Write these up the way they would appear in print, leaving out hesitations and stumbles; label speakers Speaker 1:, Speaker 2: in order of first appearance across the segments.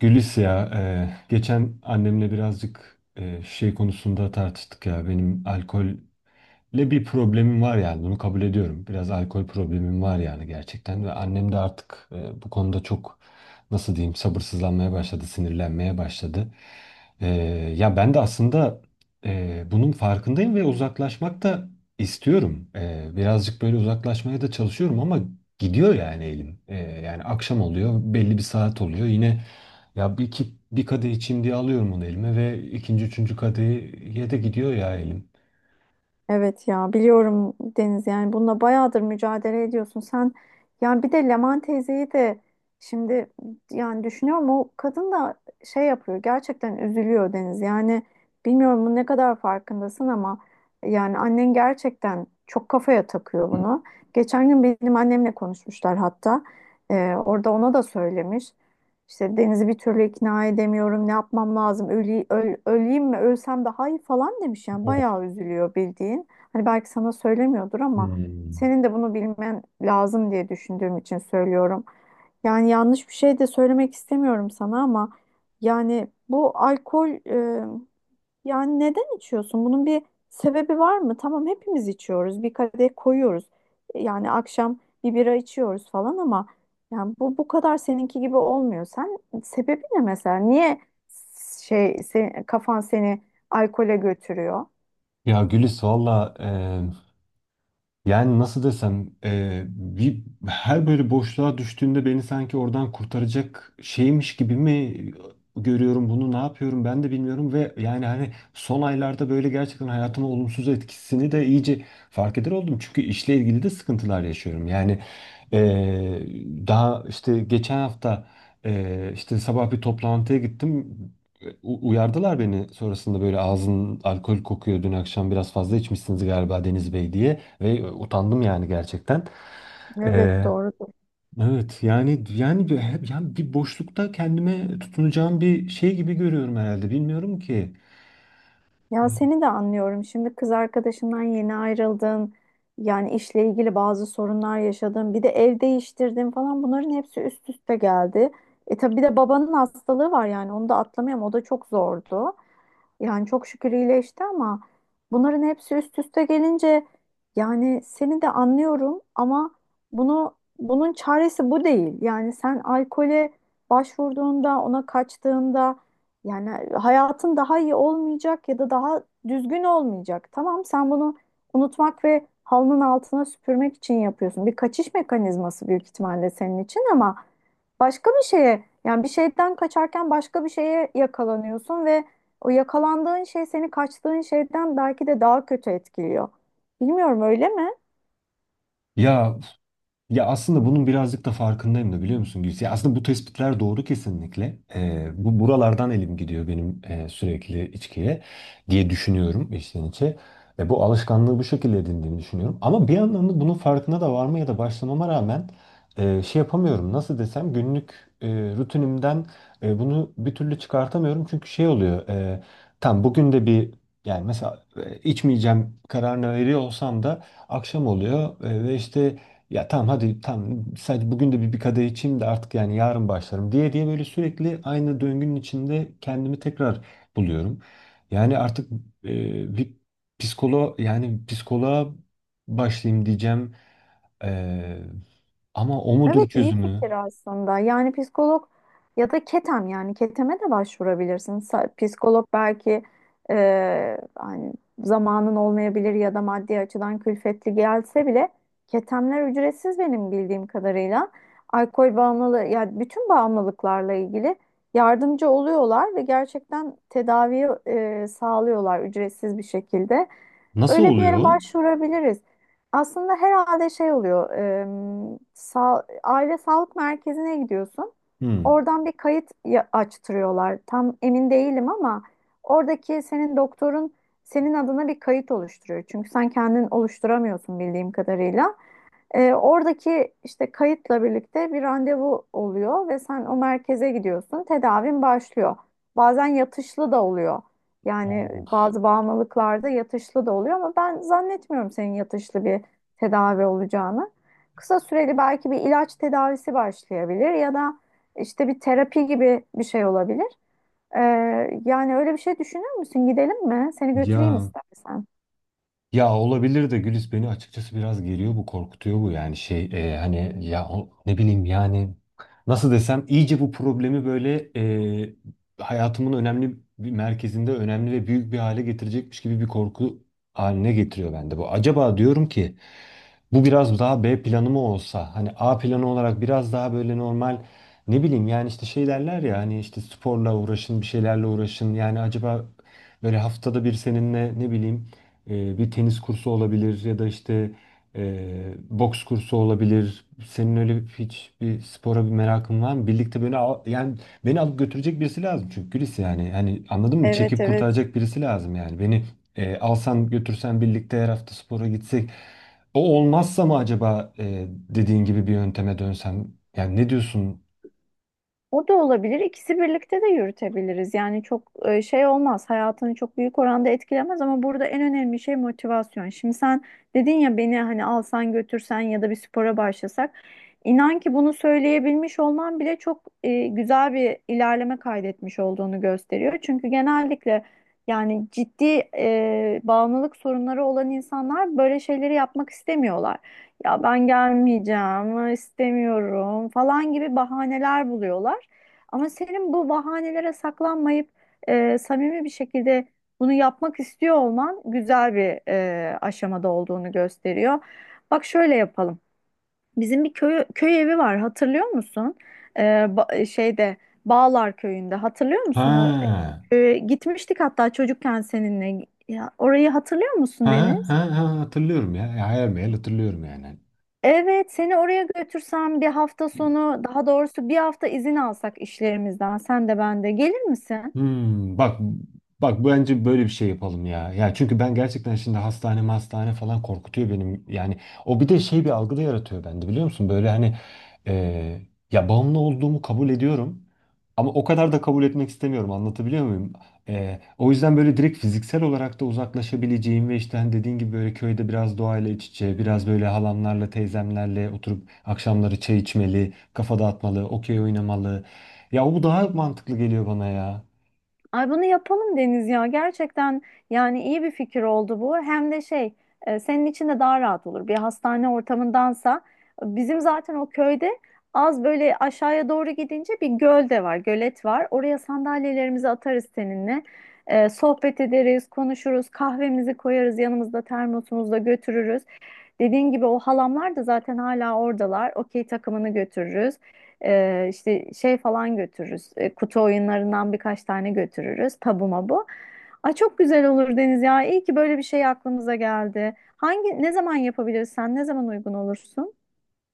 Speaker 1: Gülis ya, geçen annemle birazcık şey konusunda tartıştık ya. Benim alkolle bir problemim var yani bunu kabul ediyorum. Biraz alkol problemim var yani gerçekten ve annem de artık bu konuda çok nasıl diyeyim sabırsızlanmaya başladı, sinirlenmeye başladı. E, ya ben de aslında bunun farkındayım ve uzaklaşmak da istiyorum. Birazcık böyle uzaklaşmaya da çalışıyorum ama gidiyor yani elim. Yani akşam oluyor, belli bir saat oluyor yine. Ya bir, iki, bir kadeh içeyim diye alıyorum onu elime ve ikinci, üçüncü kadehiye de gidiyor ya elim.
Speaker 2: Evet ya biliyorum Deniz yani bununla bayağıdır mücadele ediyorsun. Sen yani bir de Leman teyzeyi de şimdi yani düşünüyorum o kadın da şey yapıyor gerçekten üzülüyor Deniz. Yani bilmiyorum bu ne kadar farkındasın ama yani annen gerçekten çok kafaya takıyor bunu. Geçen gün benim annemle konuşmuşlar hatta orada ona da söylemiş. İşte Deniz'i bir türlü ikna edemiyorum. Ne yapmam lazım? Öleyim mi? Ölsem daha iyi falan demiş yani.
Speaker 1: Oh.
Speaker 2: Bayağı üzülüyor bildiğin. Hani belki sana söylemiyordur ama
Speaker 1: Hmm.
Speaker 2: senin de bunu bilmen lazım diye düşündüğüm için söylüyorum. Yani yanlış bir şey de söylemek istemiyorum sana ama yani bu alkol yani neden içiyorsun? Bunun bir sebebi var mı? Tamam hepimiz içiyoruz. Bir kadeh koyuyoruz. Yani akşam bir bira içiyoruz falan ama yani bu kadar seninki gibi olmuyor. Sen sebebi ne mesela? Niye kafan seni alkole götürüyor?
Speaker 1: Ya Gülis valla. Yani nasıl desem her böyle boşluğa düştüğümde beni sanki oradan kurtaracak şeymiş gibi mi görüyorum bunu. Ne yapıyorum ben de bilmiyorum ve yani hani son aylarda böyle gerçekten hayatıma olumsuz etkisini de iyice fark eder oldum. Çünkü işle ilgili de sıkıntılar yaşıyorum. Yani e, daha işte geçen hafta işte sabah bir toplantıya gittim. Uyardılar beni sonrasında böyle ağzın alkol kokuyor, dün akşam biraz fazla içmişsiniz galiba Deniz Bey diye. Ve utandım yani gerçekten.
Speaker 2: Evet
Speaker 1: Ee,
Speaker 2: doğru.
Speaker 1: evet yani yani bir boşlukta kendime tutunacağım bir şey gibi görüyorum herhalde. Bilmiyorum ki.
Speaker 2: Ya seni de anlıyorum. Şimdi kız arkadaşından yeni ayrıldın. Yani işle ilgili bazı sorunlar yaşadın. Bir de ev değiştirdin falan. Bunların hepsi üst üste geldi. E tabii bir de babanın hastalığı var yani. Onu da atlamayalım. O da çok zordu. Yani çok şükür iyileşti ama bunların hepsi üst üste gelince yani seni de anlıyorum ama bunun çaresi bu değil. Yani sen alkole başvurduğunda, ona kaçtığında yani hayatın daha iyi olmayacak ya da daha düzgün olmayacak. Tamam sen bunu unutmak ve halının altına süpürmek için yapıyorsun. Bir kaçış mekanizması büyük ihtimalle senin için ama başka bir şeye yani bir şeyden kaçarken başka bir şeye yakalanıyorsun ve o yakalandığın şey seni kaçtığın şeyden belki de daha kötü etkiliyor. Bilmiyorum öyle mi?
Speaker 1: Ya Ya, aslında bunun birazcık da farkındayım da biliyor musun Gülsü? Ya aslında bu tespitler doğru kesinlikle. Bu Buralardan elim gidiyor benim, sürekli içkiye diye düşünüyorum içten içe. Ve bu alışkanlığı bu şekilde edindiğimi düşünüyorum. Ama bir yandan da bunun farkına da varmaya da başlamama rağmen şey yapamıyorum. Nasıl desem günlük e, rutinimden bunu bir türlü çıkartamıyorum. Çünkü şey oluyor. Tam bugün de yani mesela içmeyeceğim kararını veriyor olsam da akşam oluyor, ve işte ya tamam hadi tamam sadece bugün de bir kadeh içeyim de artık yani yarın başlarım diye diye böyle sürekli aynı döngünün içinde kendimi tekrar buluyorum. Yani artık bir psikoloğa başlayayım diyeceğim. E, ama o
Speaker 2: Evet
Speaker 1: mudur
Speaker 2: iyi fikir
Speaker 1: çözümü?
Speaker 2: aslında. Yani psikolog ya da ketem yani keteme de başvurabilirsin. Psikolog belki hani zamanın olmayabilir ya da maddi açıdan külfetli gelse bile ketemler ücretsiz benim bildiğim kadarıyla. Alkol bağımlılığı yani bütün bağımlılıklarla ilgili yardımcı oluyorlar ve gerçekten tedaviyi sağlıyorlar ücretsiz bir şekilde.
Speaker 1: Nasıl
Speaker 2: Öyle bir yere
Speaker 1: oluyor?
Speaker 2: başvurabiliriz. Aslında herhalde şey oluyor. Aile sağlık merkezine gidiyorsun.
Speaker 1: Hmm.
Speaker 2: Oradan bir açtırıyorlar. Tam emin değilim ama oradaki senin doktorun senin adına bir kayıt oluşturuyor. Çünkü sen kendin oluşturamıyorsun bildiğim kadarıyla. Oradaki işte kayıtla birlikte bir randevu oluyor ve sen o merkeze gidiyorsun. Tedavin başlıyor. Bazen yatışlı da oluyor. Yani
Speaker 1: Oo.
Speaker 2: bazı bağımlılıklarda yatışlı da oluyor ama ben zannetmiyorum senin yatışlı bir tedavi olacağını. Kısa süreli belki bir ilaç tedavisi başlayabilir ya da işte bir terapi gibi bir şey olabilir. E, Yani öyle bir şey düşünür müsün? Gidelim mi? Seni götüreyim
Speaker 1: Ya
Speaker 2: istersen.
Speaker 1: Ya, olabilir de Gülis, beni açıkçası biraz geriyor bu, korkutuyor bu yani şey, hani ya ne bileyim yani nasıl desem iyice bu problemi böyle hayatımın önemli bir merkezinde önemli ve büyük bir hale getirecekmiş gibi bir korku haline getiriyor bende bu. Acaba diyorum ki bu biraz daha B planı mı olsa, hani A planı olarak biraz daha böyle normal ne bileyim yani işte şey derler ya hani işte sporla uğraşın, bir şeylerle uğraşın yani. Acaba böyle haftada bir seninle ne bileyim, bir tenis kursu olabilir ya da işte boks kursu olabilir. Senin öyle hiç bir spora bir merakın var mı? Birlikte beni al, yani beni alıp götürecek birisi lazım çünkü Gülis yani. Hani anladın mı?
Speaker 2: Evet,
Speaker 1: Çekip
Speaker 2: evet.
Speaker 1: kurtaracak birisi lazım yani. Beni alsan götürsen birlikte her hafta spora gitsek. O olmazsa mı acaba dediğin gibi bir yönteme dönsem? Yani ne diyorsun?
Speaker 2: O da olabilir. İkisi birlikte de yürütebiliriz. Yani çok şey olmaz. Hayatını çok büyük oranda etkilemez ama burada en önemli şey motivasyon. Şimdi sen dedin ya beni hani alsan götürsen ya da bir spora başlasak. İnan ki bunu söyleyebilmiş olman bile çok güzel bir ilerleme kaydetmiş olduğunu gösteriyor. Çünkü genellikle yani ciddi bağımlılık sorunları olan insanlar böyle şeyleri yapmak istemiyorlar. Ya ben gelmeyeceğim, istemiyorum falan gibi bahaneler buluyorlar. Ama senin bu bahanelere saklanmayıp samimi bir şekilde bunu yapmak istiyor olman güzel bir aşamada olduğunu gösteriyor. Bak şöyle yapalım. Bizim bir köy evi var hatırlıyor musun? E, ba- şeyde Bağlar Köyü'nde hatırlıyor musun o
Speaker 1: Ha,
Speaker 2: gitmiştik hatta çocukken seninle. Ya, orayı hatırlıyor musun Deniz?
Speaker 1: ha, Hatırlıyorum ya. Ya, hayal meyal hatırlıyorum yani.
Speaker 2: Evet, seni oraya götürsem bir hafta sonu, daha doğrusu bir hafta izin alsak işlerimizden, sen de ben de gelir misin?
Speaker 1: Hmm, bak bak bence böyle bir şey yapalım ya. Ya çünkü ben gerçekten şimdi hastane hastane falan korkutuyor benim. Yani o bir de şey bir algı da yaratıyor bende biliyor musun? Böyle hani e, ya bağımlı olduğumu kabul ediyorum. Ama o kadar da kabul etmek istemiyorum, anlatabiliyor muyum? O yüzden böyle direkt fiziksel olarak da uzaklaşabileceğim ve işte hani dediğin gibi böyle köyde biraz doğayla iç içe, biraz böyle halamlarla teyzemlerle oturup akşamları çay içmeli, kafa dağıtmalı, okey oynamalı. Ya bu daha mantıklı geliyor bana ya.
Speaker 2: Ay bunu yapalım Deniz ya. Gerçekten yani iyi bir fikir oldu bu. Hem de şey senin için de daha rahat olur. Bir hastane ortamındansa bizim zaten o köyde az böyle aşağıya doğru gidince bir göl de var, gölet var. Oraya sandalyelerimizi atarız seninle. Sohbet ederiz, konuşuruz, kahvemizi koyarız yanımızda termosumuzda götürürüz. Dediğin gibi o halamlar da zaten hala oradalar. Okey takımını götürürüz. İşte şey falan götürürüz. Kutu oyunlarından birkaç tane götürürüz. Tabu mabu. Ay çok güzel olur Deniz ya. İyi ki böyle bir şey aklımıza geldi. Hangi ne zaman yapabiliriz sen? Ne zaman uygun olursun?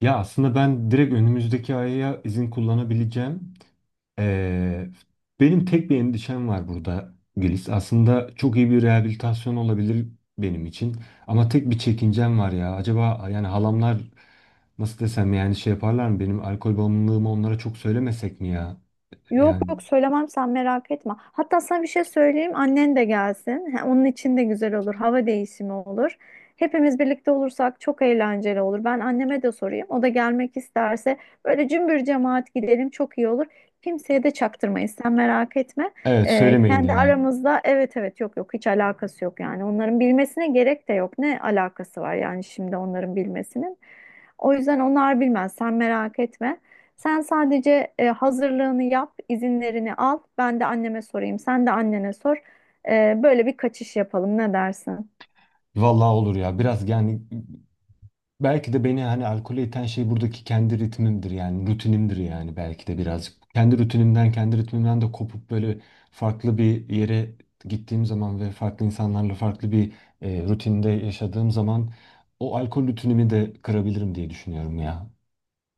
Speaker 1: Ya aslında ben direkt önümüzdeki aya izin kullanabileceğim. Ee, benim tek bir endişem var burada Gülis. Aslında çok iyi bir rehabilitasyon olabilir benim için. Ama tek bir çekincem var ya. Acaba yani halamlar nasıl desem yani şey yaparlar mı? Benim alkol bağımlılığımı onlara çok söylemesek mi ya?
Speaker 2: Yok
Speaker 1: Yani
Speaker 2: yok söylemem sen merak etme. Hatta sana bir şey söyleyeyim annen de gelsin. Ha, onun için de güzel olur. Hava değişimi olur. Hepimiz birlikte olursak çok eğlenceli olur. Ben anneme de sorayım. O da gelmek isterse böyle cümbür cemaat gidelim çok iyi olur. Kimseye de çaktırmayız sen merak etme.
Speaker 1: evet, söylemeyin
Speaker 2: Kendi
Speaker 1: ya.
Speaker 2: aramızda evet evet yok yok hiç alakası yok yani. Onların bilmesine gerek de yok. Ne alakası var yani şimdi onların bilmesinin. O yüzden onlar bilmez sen merak etme. Sen sadece hazırlığını yap, izinlerini al. Ben de anneme sorayım, sen de annene sor. Böyle bir kaçış yapalım. Ne dersin?
Speaker 1: Vallahi olur ya. Biraz yani. Belki de beni hani alkole iten şey buradaki kendi ritmimdir yani rutinimdir yani belki de birazcık. Kendi rutinimden, kendi ritmimden de kopup böyle farklı bir yere gittiğim zaman ve farklı insanlarla farklı bir rutinde yaşadığım zaman o alkol rutinimi de kırabilirim diye düşünüyorum ya.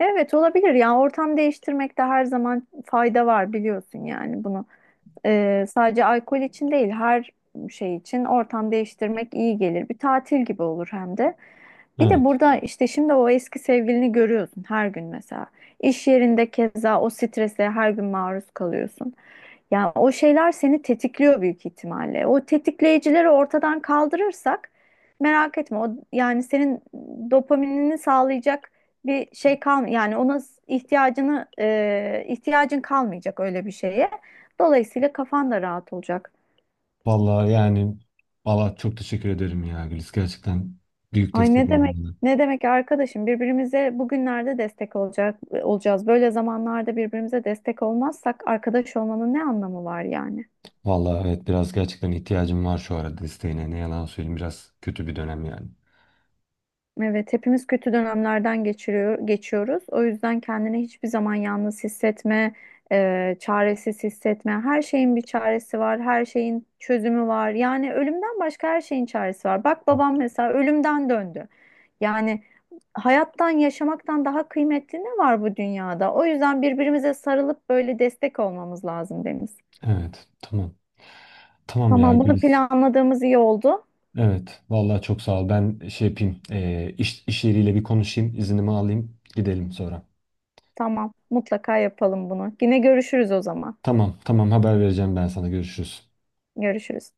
Speaker 2: Evet olabilir yani ortam değiştirmekte her zaman fayda var biliyorsun yani bunu. Sadece alkol için değil her şey için ortam değiştirmek iyi gelir. Bir tatil gibi olur hem de. Bir de
Speaker 1: Evet.
Speaker 2: burada işte şimdi o eski sevgilini görüyorsun her gün mesela. İş yerinde keza o strese her gün maruz kalıyorsun. Yani o şeyler seni tetikliyor büyük ihtimalle. O tetikleyicileri ortadan kaldırırsak merak etme o yani senin dopaminini sağlayacak bir şey kal yani ihtiyacını ihtiyacın kalmayacak öyle bir şeye. Dolayısıyla kafan da rahat olacak.
Speaker 1: Vallahi yani vallahi çok teşekkür ederim ya Gülis. Gerçekten büyük
Speaker 2: Ay
Speaker 1: destek
Speaker 2: ne
Speaker 1: oldun
Speaker 2: demek?
Speaker 1: bana.
Speaker 2: Ne demek arkadaşım? Birbirimize bugünlerde destek olacak olacağız. Böyle zamanlarda birbirimize destek olmazsak arkadaş olmanın ne anlamı var yani?
Speaker 1: Vallahi evet, biraz gerçekten ihtiyacım var şu arada desteğine. Ne yalan söyleyeyim, biraz kötü bir dönem yani.
Speaker 2: Evet, hepimiz kötü dönemlerden geçiriyor, geçiyoruz. O yüzden kendini hiçbir zaman yalnız hissetme, çaresiz hissetme. Her şeyin bir çaresi var, her şeyin çözümü var. Yani ölümden başka her şeyin çaresi var. Bak babam mesela ölümden döndü. Yani hayattan, yaşamaktan daha kıymetli ne var bu dünyada? O yüzden birbirimize sarılıp böyle destek olmamız lazım Deniz.
Speaker 1: Evet, tamam. Tamam ya
Speaker 2: Tamam, bunu
Speaker 1: Güliz.
Speaker 2: planladığımız iyi oldu.
Speaker 1: Evet. Vallahi çok sağ ol. Ben şey yapayım. İş, iş yeriyle bir konuşayım. İznimi alayım. Gidelim sonra.
Speaker 2: Tamam, mutlaka yapalım bunu. Yine görüşürüz o zaman.
Speaker 1: Tamam. Tamam. Haber vereceğim ben sana. Görüşürüz.
Speaker 2: Görüşürüz.